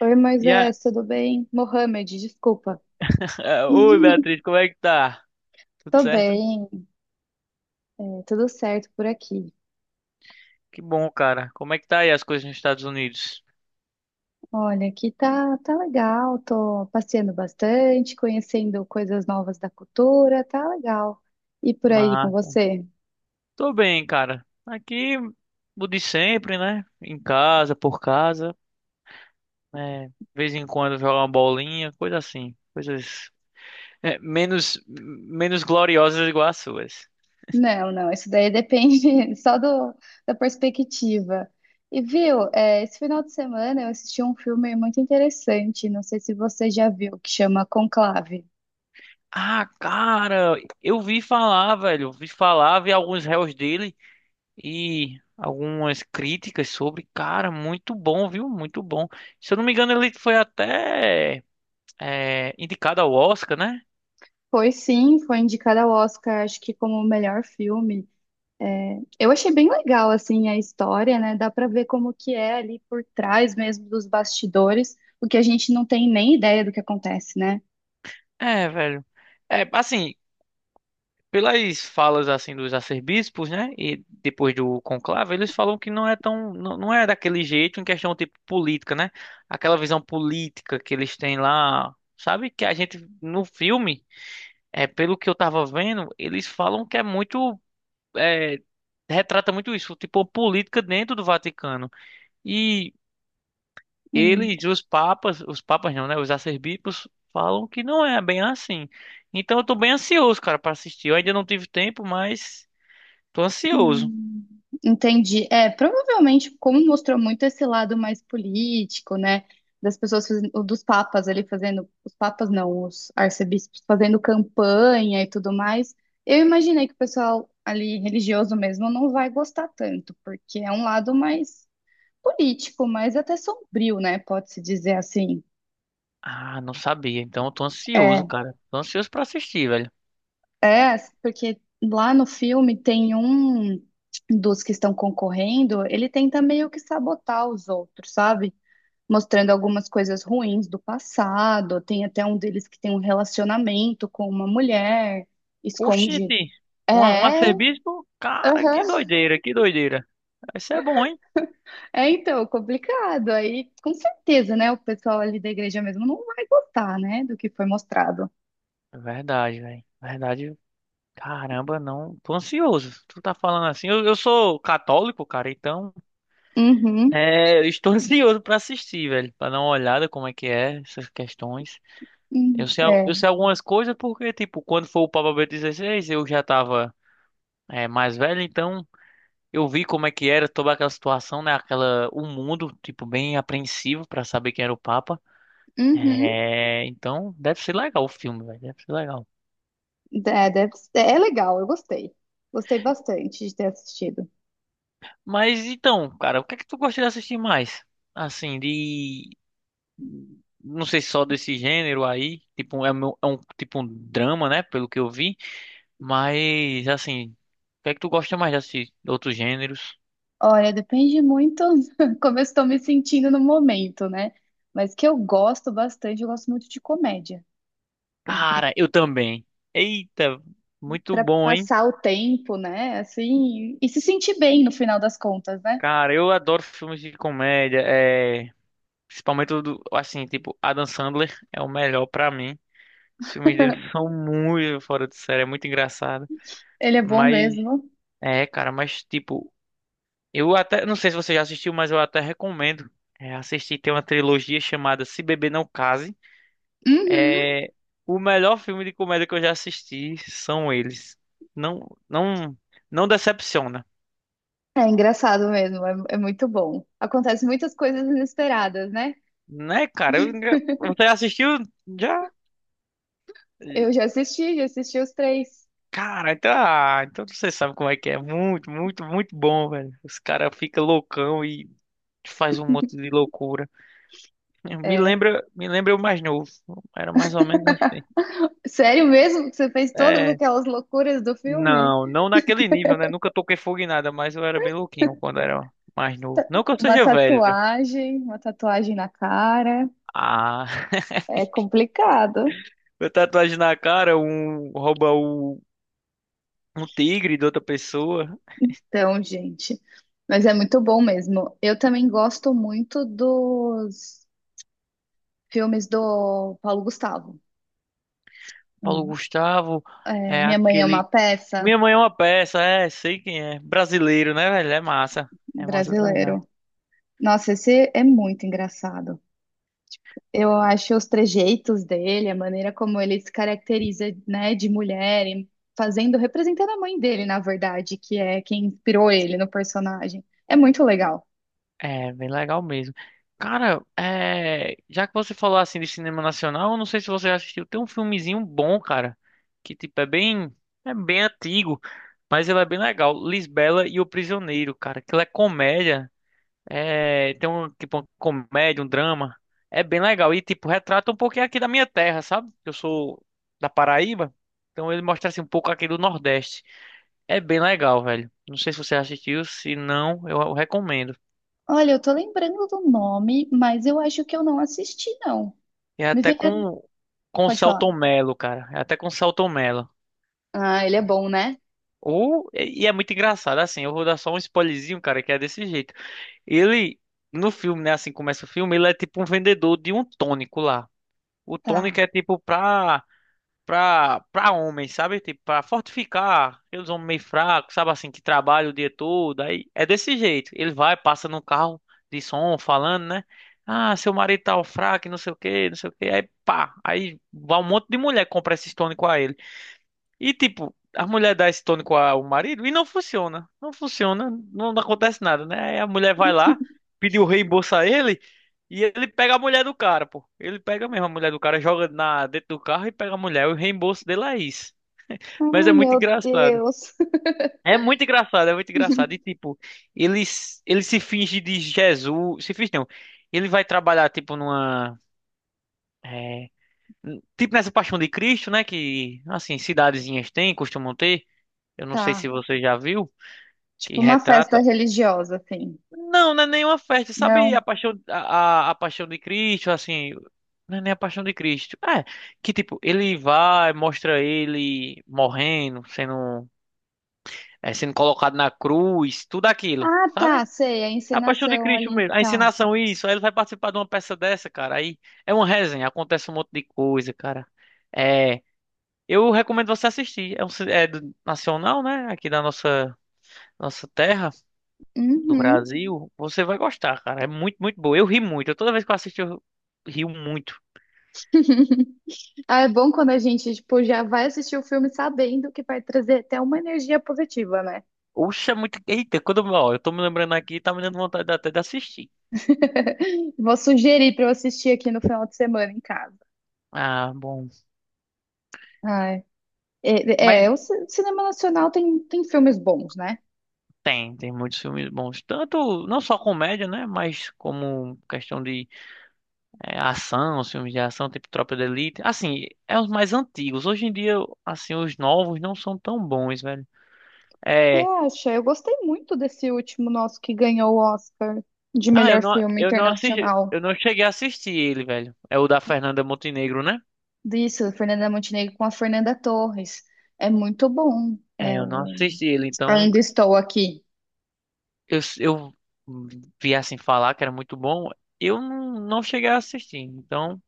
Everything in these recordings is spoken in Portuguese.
Oi, E a... Moisés, tudo bem? Mohamed, desculpa. Oi, Beatriz, como é que tá? Tudo Tô certo? bem, tudo certo por aqui. Que bom, cara. Como é que tá aí as coisas nos Estados Unidos? Olha, aqui tá, legal, tô passeando bastante, conhecendo coisas novas da cultura, tá legal. E por aí com Mas você? tô bem, cara. Aqui, o de sempre, né? Em casa, por casa, né? De vez em quando jogar uma bolinha, coisa assim. Coisas é, menos gloriosas igual as suas. Não, não, isso daí depende da perspectiva. E viu, é, esse final de semana eu assisti um filme muito interessante, não sei se você já viu, que chama Conclave. Ah, cara, eu vi falar, velho. Eu vi falar, vi alguns réus dele, e algumas críticas sobre. Cara, muito bom, viu? Muito bom. Se eu não me engano, ele foi até indicado ao Oscar, né? Foi sim, foi indicada ao Oscar, acho que como o melhor filme. É, eu achei bem legal assim a história, né? Dá pra ver como que é ali por trás mesmo dos bastidores, porque a gente não tem nem ideia do que acontece, né? É, velho. É, assim, pelas falas assim dos arcebispos, né? E depois do conclave, eles falam que não é tão, não, não é daquele jeito em questão tipo política, né? Aquela visão política que eles têm lá, sabe? Que a gente no filme, é pelo que eu tava vendo, eles falam que é muito eh, retrata muito isso, tipo, a política dentro do Vaticano. E Hum, eles, os papas não, né? Os arcebispos falam que não é bem assim. Então eu tô bem ansioso, cara, pra assistir. Eu ainda não tive tempo, mas tô ansioso. hum, entendi. É, provavelmente, como mostrou muito esse lado mais político, né? Das pessoas, ou dos papas ali fazendo, os papas não, os arcebispos fazendo campanha e tudo mais. Eu imaginei que o pessoal ali religioso mesmo não vai gostar tanto, porque é um lado mais político, mas até sombrio, né? Pode-se dizer assim. Ah, não sabia. Então eu tô ansioso, É, cara. Tô ansioso pra assistir, velho. Porque lá no filme tem um dos que estão concorrendo, ele tenta meio que sabotar os outros, sabe? Mostrando algumas coisas ruins do passado. Tem até um deles que tem um relacionamento com uma mulher, esconde. Oxente, um É, arcebispo? Cara, aham. que doideira, que doideira. Isso é bom, hein? É então, complicado. Aí, com certeza, né? O pessoal ali da igreja mesmo não vai gostar, né? Do que foi mostrado. Verdade, velho. Verdade. Caramba, não. Tô ansioso. Tu tá falando assim. Eu sou católico, cara, então. Uhum. É, eu estou ansioso pra assistir, velho, pra dar uma olhada como é que é essas questões. Hum. Eu sei, eu É. sei algumas coisas porque, tipo, quando foi o Papa Bento XVI, eu já tava mais velho, então eu vi como é que era toda aquela situação, né? Aquela, o mundo, tipo, bem apreensivo pra saber quem era o Papa. Uhum. É, então deve ser legal o filme, velho, deve ser legal. É, é legal, eu gostei. Gostei bastante de ter assistido. Mas então, cara, o que é que tu gosta de assistir mais? Assim, de não sei se só desse gênero aí, tipo, é um tipo um drama, né, pelo que eu vi, mas assim, o que é que tu gosta mais de assistir? Outros gêneros? Olha, depende muito como eu estou me sentindo no momento, né? Mas que eu gosto bastante, eu gosto muito de comédia. Assim, Cara, eu também. Eita, muito para bom, hein? passar o tempo, né? Assim, e se sentir bem no final das contas, né? Cara, eu adoro filmes de comédia, é, principalmente o do, assim, tipo, Adam Sandler é o melhor pra mim. Os filmes dele são muito fora de série, é muito engraçado. Ele é bom Mas, mesmo. é, cara, mas tipo, eu até, não sei se você já assistiu, mas eu até recomendo assistir. Tem uma trilogia chamada Se Beber Não Case. Uhum. É o melhor filme de comédia que eu já assisti são eles. Não, não, não decepciona, É engraçado mesmo, é muito bom. Acontece muitas coisas inesperadas, né? né, cara? Você assistiu já? Eu já assisti os três. Cara, então, ah, então você sabe como é que é. Muito, muito, muito bom, velho. Os caras ficam loucão e faz um monte de loucura. Me É, lembra, me lembra o mais novo. Era mais ou menos assim. sério mesmo que você fez todas É, aquelas loucuras do filme? não, não naquele nível, né? Nunca toquei fogo em nada, mas eu era bem louquinho quando era mais novo. Não que eu seja velho. Uma tatuagem na cara. Ah, É complicado. eu tatuagem na cara, rouba o um tigre de outra pessoa. Então, gente. Mas é muito bom mesmo. Eu também gosto muito dos filmes do Paulo Gustavo. Paulo Hum. Gustavo É, é Minha Mãe é uma aquele. Peça Minha mãe é uma peça, é, sei quem é. Brasileiro, né, velho? É massa. É massa de verdade. brasileiro. Nossa, esse é muito engraçado. Eu acho os trejeitos dele, a maneira como ele se caracteriza, né, de mulher, e fazendo, representando a mãe dele, na verdade, que é quem inspirou ele no personagem. É muito legal. É, bem legal mesmo. Cara, é, já que você falou assim de cinema nacional, eu não sei se você já assistiu, tem um filmezinho bom, cara, que tipo é bem antigo, mas ele é bem legal. Lisbela e o Prisioneiro, cara, que ele é comédia, é, tem um tipo uma comédia, um drama, é bem legal e tipo retrata um pouquinho aqui da minha terra, sabe? Eu sou da Paraíba, então ele mostra assim um pouco aqui do Nordeste. É bem legal, velho. Não sei se você assistiu, se não, eu recomendo. Olha, eu tô lembrando do nome, mas eu acho que eu não assisti, não. E é Me até vem. Com o Pode falar. Selton Mello, cara. É até com o Selton Mello. Ah, ele é bom, né? Ou, e é muito engraçado, assim, eu vou dar só um spoilerzinho, cara, que é desse jeito. Ele, no filme, né, assim começa o filme, ele é tipo um vendedor de um tônico lá. O tônico Tá. é tipo pra pra homens, sabe? Tipo, pra fortificar aqueles homens meio fracos, sabe assim, que trabalham o dia todo. Aí é desse jeito. Ele vai, passa no carro de som, falando, né? Ah, seu marido tá fraco, e não sei o quê, não sei o quê. Aí pá, aí vai um monte de mulher que compra esse tônico a ele. E tipo, a mulher dá esse tônico ao marido e não funciona. Não funciona, não acontece nada, né? Aí a mulher vai lá, pede o reembolso a ele e ele pega a mulher do cara, pô. Ele pega mesmo a mulher do cara, joga na dentro do carro e pega a mulher. O reembolso dele é isso. Mas é Ai, muito meu engraçado. Deus. É muito engraçado, é muito engraçado. E tipo, ele, ele se finge de Jesus. Se finge não. Ele vai trabalhar, tipo, numa. é, Tipo nessa Paixão de Cristo, né? Que, assim, cidadezinhas têm, costumam ter. Eu não sei se Tá. você já viu, que Tipo uma festa retrata. religiosa, assim. Não, não é nenhuma festa, sabe? Não. A paixão, a paixão de Cristo, assim. Não é nem a paixão de Cristo. É, que tipo, ele vai, mostra ele morrendo, sendo, sendo colocado na cruz, tudo aquilo, Ah, sabe? tá, sei, a É a paixão de encenação Cristo ali e mesmo. A tal. ensinação, isso. Aí ele vai participar de uma peça dessa, cara. Aí é uma resenha, acontece um monte de coisa, cara. É, eu recomendo você assistir. É nacional, né? Aqui da nossa, nossa terra. Do Uhum. Brasil, você vai gostar, cara. É muito, muito boa. Eu ri muito. Eu, toda vez que eu assisto, eu rio muito. Ah, é bom quando a gente, tipo, já vai assistir o filme sabendo que vai trazer até uma energia positiva, né? Oxa, é muito. Eita, quando eu, ó, eu tô me lembrando aqui, tá me dando vontade até de assistir. Vou sugerir para eu assistir aqui no final de semana em casa. Ah, bom. Ai, Mas é, o cinema nacional tem, tem filmes bons, né? tem, tem muitos filmes bons. Tanto, não só comédia, né? Mas como questão de ação, os filmes de ação, tipo Tropa de Elite. Assim, é os mais antigos. Hoje em dia, assim, os novos não são tão bons, velho. Você É. acha? Eu gostei muito desse último nosso que ganhou o Oscar de Ah, melhor filme eu não assisti, eu internacional. não cheguei a assistir ele, velho. É o da Fernanda Montenegro, né? Disso, Fernanda Montenegro com a Fernanda Torres. É muito bom. É, É eu não o assisti ele, então Ainda Estou Aqui. eu vi assim falar que era muito bom. Eu não, não cheguei a assistir, então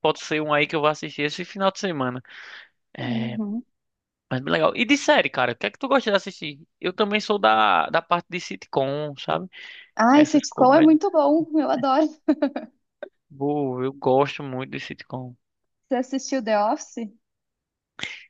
pode ser um aí que eu vou assistir esse final de semana. É, Uhum. mas bem legal. E de série, cara, o que é que tu gosta de assistir? Eu também sou da, da parte de sitcom, sabe? Ai, Essas sitcom é comédias. muito bom. Eu adoro. Boa, eu gosto muito de sitcom. Você assistiu The Office?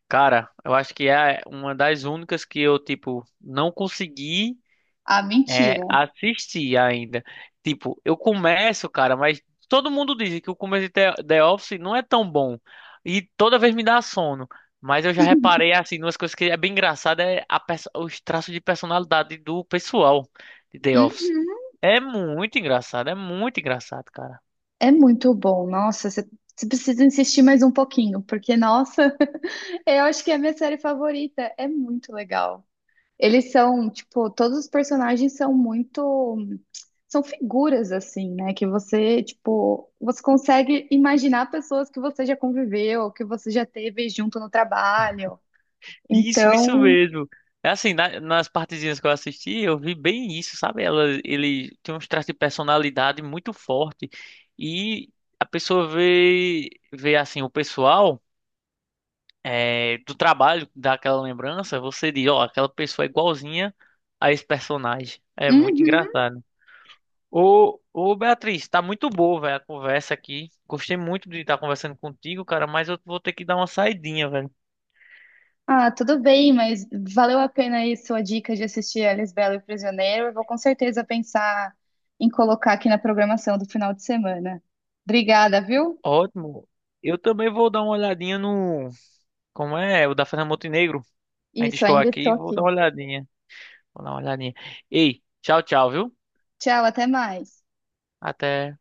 Cara, eu acho que é uma das únicas que eu, tipo, não consegui. Ah, É, mentira. assisti ainda. Tipo, eu começo, cara, mas todo mundo diz que o começo de The Office não é tão bom. E toda vez me dá sono. Mas eu já reparei, assim, umas coisas que é bem engraçada é a os traços de personalidade do pessoal de The Office. Uhum. É muito engraçado, cara. É muito bom. Nossa, você precisa insistir mais um pouquinho, porque, nossa, eu acho que é a minha série favorita. É muito legal. Eles são, tipo, todos os personagens são muito. São figuras, assim, né? Que você, tipo, você consegue imaginar pessoas que você já conviveu, que você já teve junto no trabalho. Isso Então, mesmo. É assim, nas partezinhas que eu assisti, eu vi bem isso, sabe? Ela, ele tem uns traços de personalidade muito forte e a pessoa vê, vê assim, o pessoal do trabalho, daquela lembrança, você diz, ó, aquela pessoa é igualzinha a esse personagem. É muito uhum. engraçado. Ô, ô Beatriz, tá muito boa, velho, a conversa aqui. Gostei muito de estar conversando contigo, cara, mas eu vou ter que dar uma saidinha, velho. Ah, tudo bem, mas valeu a pena aí sua dica de assistir Alice Bela e o Prisioneiro. Eu vou com certeza pensar em colocar aqui na programação do final de semana. Obrigada, viu? Ótimo. Eu também vou dar uma olhadinha no Como é? O da Fernanda Montenegro. Ainda Isso, estou ainda aqui, estou vou dar aqui. uma olhadinha. Vou dar uma olhadinha. Ei, tchau, tchau, viu? Tchau, até mais. Até.